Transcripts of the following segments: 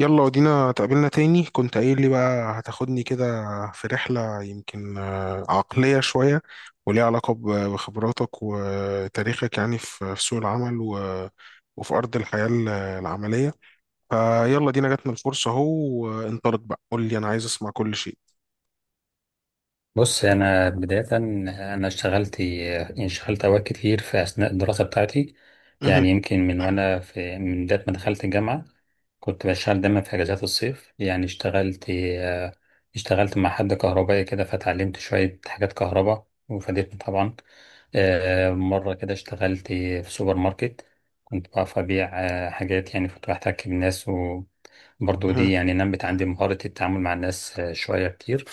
يلا، ودينا تقابلنا تاني. كنت قايل لي بقى هتاخدني كده في رحلة يمكن عقلية شوية، وليها علاقة ب- بخبراتك وتاريخك، يعني في سوق العمل و- وفي أرض الحياة ال- العملية. فيلا دينا جاتنا الفرصة أهو، وانطلق بقى. قول لي، أنا عايز أسمع كل شيء. بص، أنا بداية اشتغلت أوقات كتير في أثناء الدراسة بتاعتي. مهم. يعني يمكن من وأنا في من بداية ما دخلت الجامعة كنت بشتغل دايما في أجازات الصيف. يعني اشتغلت مع حد كهربائي كده فتعلمت شوية حاجات كهرباء وفادتني طبعا. مرة كده اشتغلت في سوبر ماركت، كنت بعرف أبيع حاجات، يعني كنت بحتك بالناس، وبرضو دي مهم. يعني نمت عندي مهارة التعامل مع الناس شوية كتير.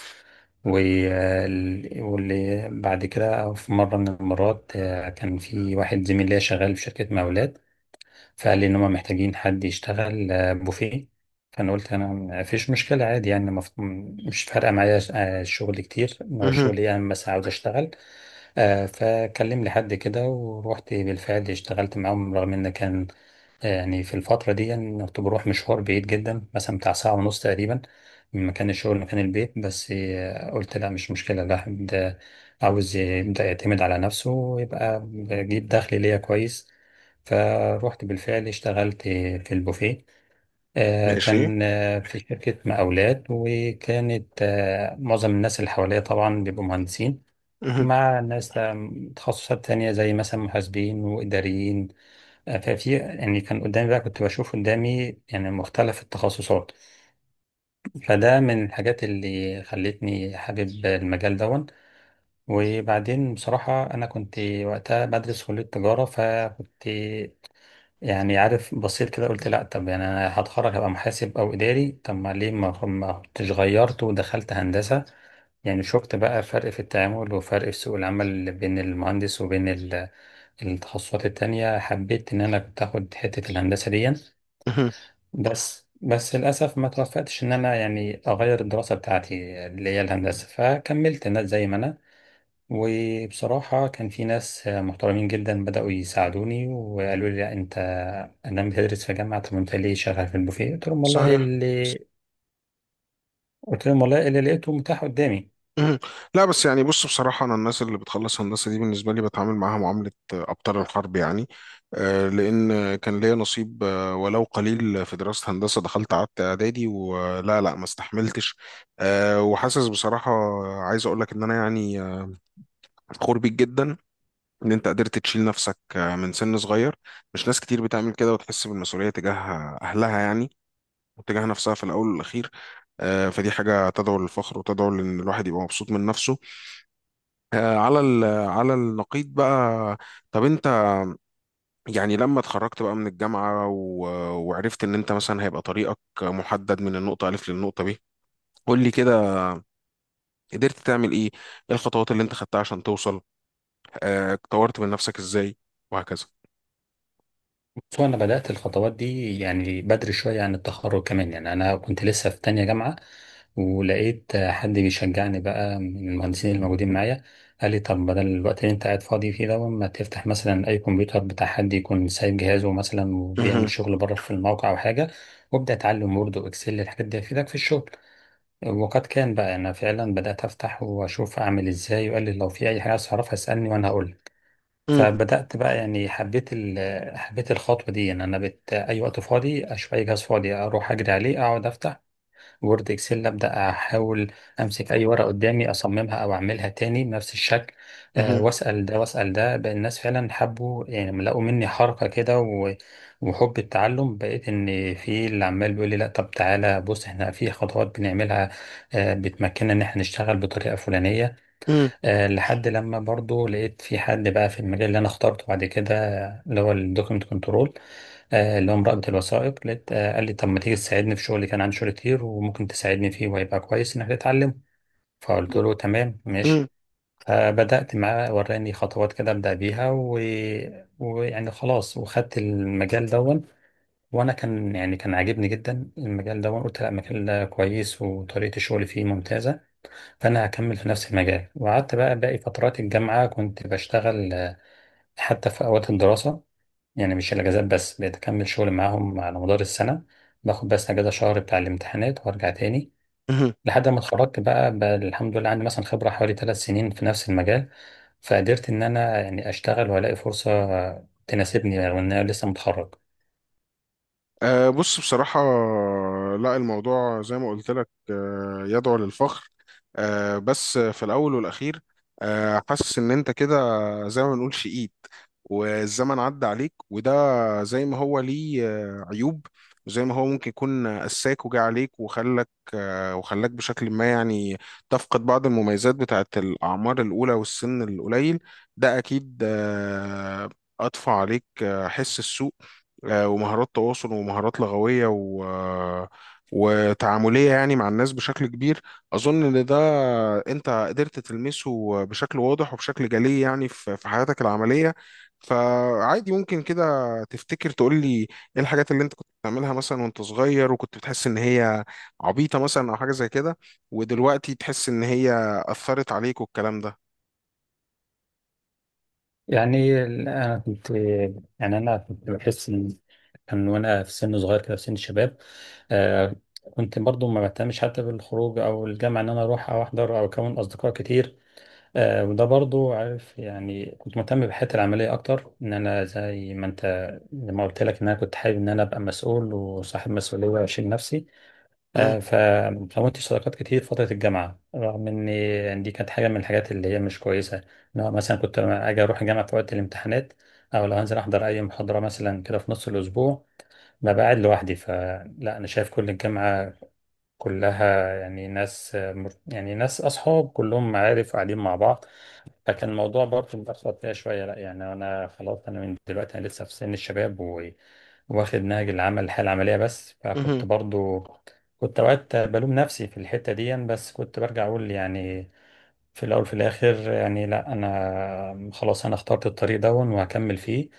واللي بعد كده في مرة من المرات كان في واحد زميل ليا شغال في شركة مقاولات، فقال لي إن هما محتاجين حد يشتغل بوفيه. فأنا قلت أنا مفيش مشكلة عادي، يعني مش فارقة معايا الشغل كتير، إن هو مهم. الشغل يعني بس عاوز أشتغل. فكلم لي حد كده ورحت بالفعل اشتغلت معاهم، رغم ان كان يعني في الفترة دي يعني كنت بروح مشوار بعيد جدا، مثلا بتاع ساعة ونص تقريبا من مكان الشغل لمكان البيت. بس قلت لا مش مشكلة، الواحد عاوز يبدأ يعتمد على نفسه ويبقى بجيب دخل ليا كويس. فروحت بالفعل اشتغلت في البوفيه. ماشي. كان في شركة مقاولات، وكانت معظم الناس اللي حواليا طبعا بيبقوا مهندسين، مهم. مع ناس تخصصات تانية زي مثلا محاسبين وإداريين. ففي يعني كان قدامي، بقى كنت بشوف قدامي يعني مختلف التخصصات، فده من الحاجات اللي خلتني حابب المجال دون. وبعدين بصراحة أنا كنت وقتها بدرس كلية تجارة، فكنت يعني عارف بصيت كده قلت لأ، طب يعني أنا هتخرج هبقى محاسب أو إداري، طب ما ليه ما كنتش غيرت ودخلت هندسة. يعني شفت بقى فرق في التعامل وفرق في سوق العمل بين المهندس وبين التخصصات التانية، حبيت إن أنا كنت آخد حتة الهندسة دي. مهم. بس للأسف ما توفقتش إن أنا يعني أغير الدراسة بتاعتي اللي هي الهندسة، فكملت الناس زي ما أنا. وبصراحة كان في ناس محترمين جدا بدأوا يساعدوني وقالوا لي لا أنت أنا بتدرس في جامعة، طب أنت ليه شغال في البوفيه؟ صحيح. قلت لهم والله اللي لقيته متاح قدامي. مهم. لا بس يعني بص، بصراحة أنا الناس اللي بتخلص هندسة دي بالنسبة لي بتعامل معاها معاملة أبطال الحرب يعني. لأن كان ليا نصيب، ولو قليل، في دراسة هندسة. دخلت قعدت إعدادي ولا لا ما استحملتش. وحاسس بصراحة، عايز أقول لك إن أنا يعني فخور بيك جدا، إن أنت قدرت تشيل نفسك من سن صغير. مش ناس كتير بتعمل كده وتحس بالمسؤولية تجاه أهلها يعني، وتجاه نفسها في الأول والأخير. فدي حاجة تدعو للفخر وتدعو لأن الواحد يبقى مبسوط من نفسه. على النقيض بقى. طب انت، يعني لما اتخرجت بقى من الجامعة وعرفت ان انت مثلا هيبقى طريقك محدد من النقطة ألف للنقطة ب، قول لي كده، قدرت تعمل ايه؟ ايه الخطوات اللي انت خدتها عشان توصل؟ طورت من نفسك ازاي؟ وهكذا. بس هو انا بدات الخطوات دي يعني بدري شويه عن التخرج كمان. يعني انا كنت لسه في تانية جامعه، ولقيت حد بيشجعني بقى من المهندسين الموجودين معايا، قال لي طب بدل الوقت اللي انت قاعد فاضي فيه ده، ما تفتح مثلا اي كمبيوتر بتاع حد يكون سايب جهازه مثلا وبيعمل مهم. شغل بره في الموقع او حاجه، وابدا اتعلم وورد واكسل، الحاجات دي هتفيدك في الشغل. وقد كان بقى، انا فعلا بدات افتح واشوف اعمل ازاي، وقال لي لو في اي حاجه عايز اعرفها اسالني وانا هقول. مم. فبدأت بقى، يعني حبيت حبيت الخطوة دي، ان انا اي وقت فاضي اشوف اي جهاز فاضي اروح اجري عليه، اقعد افتح وورد اكسل، ابدأ احاول امسك اي ورقة قدامي اصممها او اعملها تاني بنفس الشكل. أه، مهم. واسأل ده واسأل ده، بقى الناس فعلا حبوا، يعني لما لقوا مني حركة كده وحب التعلم، بقيت ان في اللي عمال بيقول لي لا طب تعالى بص احنا في خطوات بنعملها، أه بتمكننا ان احنا نشتغل بطريقة فلانية. مم. لحد لما برضو لقيت في حد بقى في المجال اللي انا اخترته بعد كده، اللي هو الدوكيمنت كنترول، اللي هو مراقبة الوثائق. لقيت قال لي طب ما تيجي تساعدني في شغلي، كان عندي شغل كتير وممكن تساعدني فيه وهيبقى كويس انك تتعلم. فقلت له تمام مم. ماشي. فبدأت معاه وراني خطوات كده أبدأ بيها ويعني خلاص وخدت المجال دون. وأنا كان يعني كان عاجبني جدا المجال دون، قلت لا مجال كويس وطريقة الشغل فيه ممتازة، فأنا هكمل في نفس المجال. وقعدت بقى باقي فترات الجامعة كنت بشتغل حتى في أوقات الدراسة، يعني مش الأجازات بس، بقيت أكمل شغل معاهم على مدار السنة، باخد بس أجازة شهر بتاع الامتحانات وأرجع تاني. مهم. لحد ما اتخرجت بقى، بقى الحمد لله عندي مثلا خبرة حوالي ثلاث سنين في نفس المجال، فقدرت إن أنا يعني أشتغل وألاقي فرصة تناسبني رغم إن أنا لسه متخرج. بص بصراحة، لا الموضوع زي ما قلت لك يدعو للفخر، بس في الأول والأخير حاسس إن أنت كده زي ما بنقول شقيت، والزمن عدى عليك. وده زي ما هو ليه عيوب، وزي ما هو ممكن يكون قساك وجا عليك وخلك آه، وخلاك بشكل ما، يعني تفقد بعض المميزات بتاعت الأعمار الأولى والسن القليل. ده أكيد أضفى عليك حس السوء، ومهارات تواصل ومهارات لغوية و آه، وتعاملية، يعني مع الناس بشكل كبير. أظن إن ده أنت قدرت تلمسه بشكل واضح وبشكل جلي، يعني في حياتك العملية. فعادي ممكن كده تفتكر تقول لي إيه الحاجات اللي أنت كنت بتعملها مثلا وأنت صغير، وكنت بتحس إن هي عبيطة مثلا أو حاجة زي كده، ودلوقتي تحس إن هي أثرت عليك والكلام ده. يعني ال- انا كنت يعني انا كنت بحس ان كان وانا في سن صغير كده في سن الشباب. آه، كنت برضو ما بهتمش حتى بالخروج او الجامعه ان انا اروح او احضر او اكون اصدقاء كتير. آه، وده برضو عارف، يعني كنت مهتم بحياتي العمليه اكتر، ان انا زي ما انت لما قلت لك ان انا كنت حابب ان انا ابقى مسؤول وصاحب مسؤوليه واشيل نفسي. مم. فكونت صداقات كتير في فترة الجامعة، رغم إن دي كانت حاجة من الحاجات اللي هي مش كويسة. إن هو مثلا كنت لما أجي أروح الجامعة في وقت الامتحانات أو لو هنزل أحضر أي محاضرة مثلا كده في نص الأسبوع، ببقى قاعد لوحدي، فلا أنا شايف كل الجامعة كلها يعني ناس يعني ناس أصحاب كلهم معارف قاعدين مع بعض، لكن الموضوع برضه متأخر فيها شوية. لا يعني أنا خلاص أنا من دلوقتي أنا لسه في سن الشباب واخد نهج العمل الحياة العملية بس، فكنت مهم. برضه كنت أوقات بلوم نفسي في الحتة دي. بس كنت برجع أقول يعني في الأول في الآخر يعني لا، أنا خلاص أنا اخترت الطريق ده وهكمل فيه.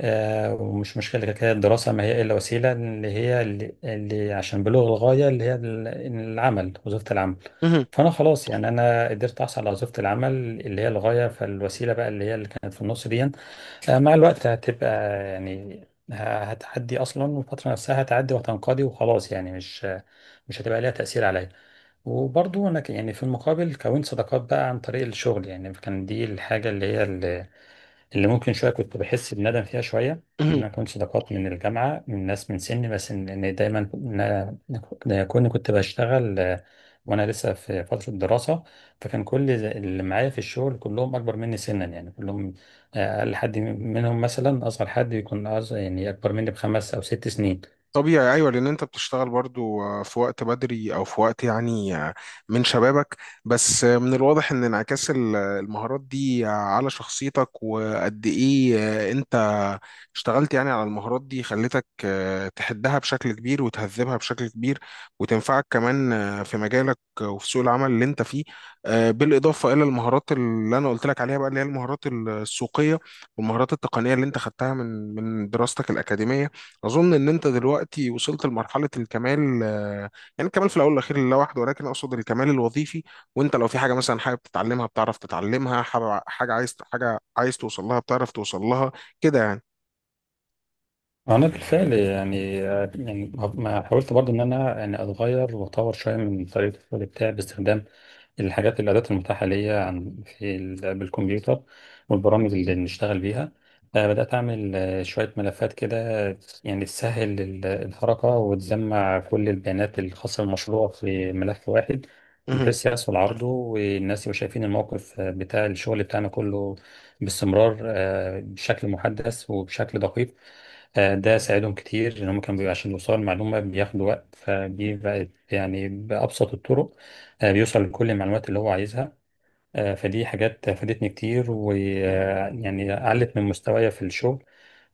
ومش مشكلة، كده كده الدراسة ما هي إلا وسيلة اللي هي اللي عشان بلوغ الغاية اللي هي العمل وظيفة العمل. مهم. فأنا خلاص يعني أنا قدرت أحصل على وظيفة العمل اللي هي الغاية، فالوسيلة بقى اللي هي اللي كانت في النص دي مع الوقت هتبقى يعني ه- هتعدي أصلا، والفترة نفسها هتعدي وهتنقضي وخلاص. يعني مش هتبقى ليها تأثير عليا. وبرضه يعني في المقابل كونت صداقات بقى عن طريق الشغل، يعني كان دي الحاجه اللي هي اللي ممكن شويه كنت بحس بندم فيها شويه، ان مهم. انا كنت صداقات من الجامعه من ناس من سني. بس إن دايما إن كوني كنت بشتغل وانا لسه في فتره الدراسه، فكان كل اللي معايا في الشغل كلهم اكبر مني سنا، يعني كلهم اقل حد منهم مثلا اصغر حد يكون أصغر، يعني اكبر مني بخمس او ست سنين. طبيعي، ايوه، لان انت بتشتغل برضو في وقت بدري او في وقت يعني من شبابك. بس من الواضح ان انعكاس المهارات دي على شخصيتك، وقد ايه انت اشتغلت يعني على المهارات دي خلتك تحدها بشكل كبير وتهذبها بشكل كبير، وتنفعك كمان في مجالك وفي سوق العمل اللي انت فيه. بالاضافه الى المهارات اللي انا قلت لك عليها بقى، اللي هي المهارات السوقيه والمهارات التقنيه اللي انت خدتها من دراستك الاكاديميه. اظن ان انت دلوقتي وصلت لمرحله الكمال. يعني الكمال في الاول والاخير لله وحده، ولكن اقصد الكمال الوظيفي. وانت لو في حاجه مثلا حابب تتعلمها بتعرف تتعلمها، حاجه عايز توصل لها بتعرف توصل لها، كده يعني. انا بالفعل يعني، يعني ما حاولت برضو ان انا يعني اتغير واطور شويه من طريقه الشغل بتاعي باستخدام الحاجات الادوات المتاحه ليا عن بالكمبيوتر والبرامج اللي بنشتغل بيها. بدات اعمل شويه ملفات كده يعني تسهل الحركه، وتجمع كل البيانات الخاصه بالمشروع في ملف واحد، مهم. بحيث يحصل عرضه والناس يبقوا شايفين الموقف بتاع الشغل بتاعنا كله باستمرار، بشكل محدث وبشكل دقيق. ده ساعدهم كتير، ان هم كانوا بيبقى عشان يوصلوا المعلومه بياخدوا وقت، فدي بقت يعني بابسط الطرق بيوصل لكل المعلومات اللي هو عايزها. فدي حاجات فادتني كتير، ويعني علت من مستوايا في الشغل،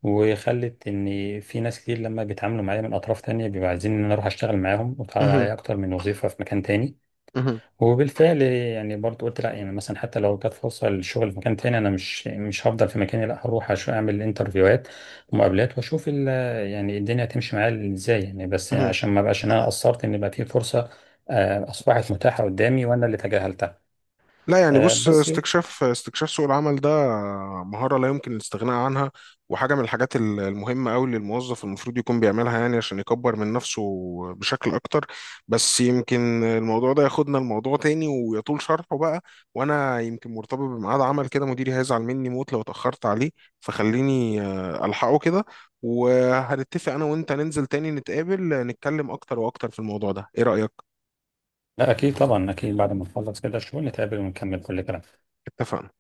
وخلت ان في ناس كتير لما بيتعاملوا معايا من اطراف تانية بيبقوا عايزين ان انا اروح اشتغل معاهم، واتعرض مهم. عليا اكتر من وظيفه في مكان تاني. مهم. وبالفعل يعني برضو قلت لا، يعني مثلا حتى لو جت فرصه للشغل في مكان تاني انا مش هفضل في مكاني، لا هروح اعمل انترفيوهات ومقابلات واشوف يعني الدنيا هتمشي معايا ازاي، يعني بس مهم. عشان ما بقاش إن انا قصرت ان بقى في فرصه اصبحت متاحه قدامي وانا اللي تجاهلتها. لا يعني آه، بص، بس استكشاف سوق العمل ده مهارة لا يمكن الاستغناء عنها، وحاجة من الحاجات المهمة أوي اللي الموظف المفروض يكون بيعملها، يعني عشان يكبر من نفسه بشكل أكتر. بس يمكن الموضوع ده ياخدنا لموضوع تاني ويطول شرحه بقى، وأنا يمكن مرتبط بميعاد عمل كده، مديري هيزعل مني موت لو اتأخرت عليه، فخليني ألحقه كده. وهنتفق أنا وأنت ننزل تاني نتقابل نتكلم أكتر وأكتر في الموضوع ده، إيه رأيك؟ لا اكيد طبعا اكيد بعد ما نخلص كده الشغل نتقابل ونكمل كل كلام. اتفقنا.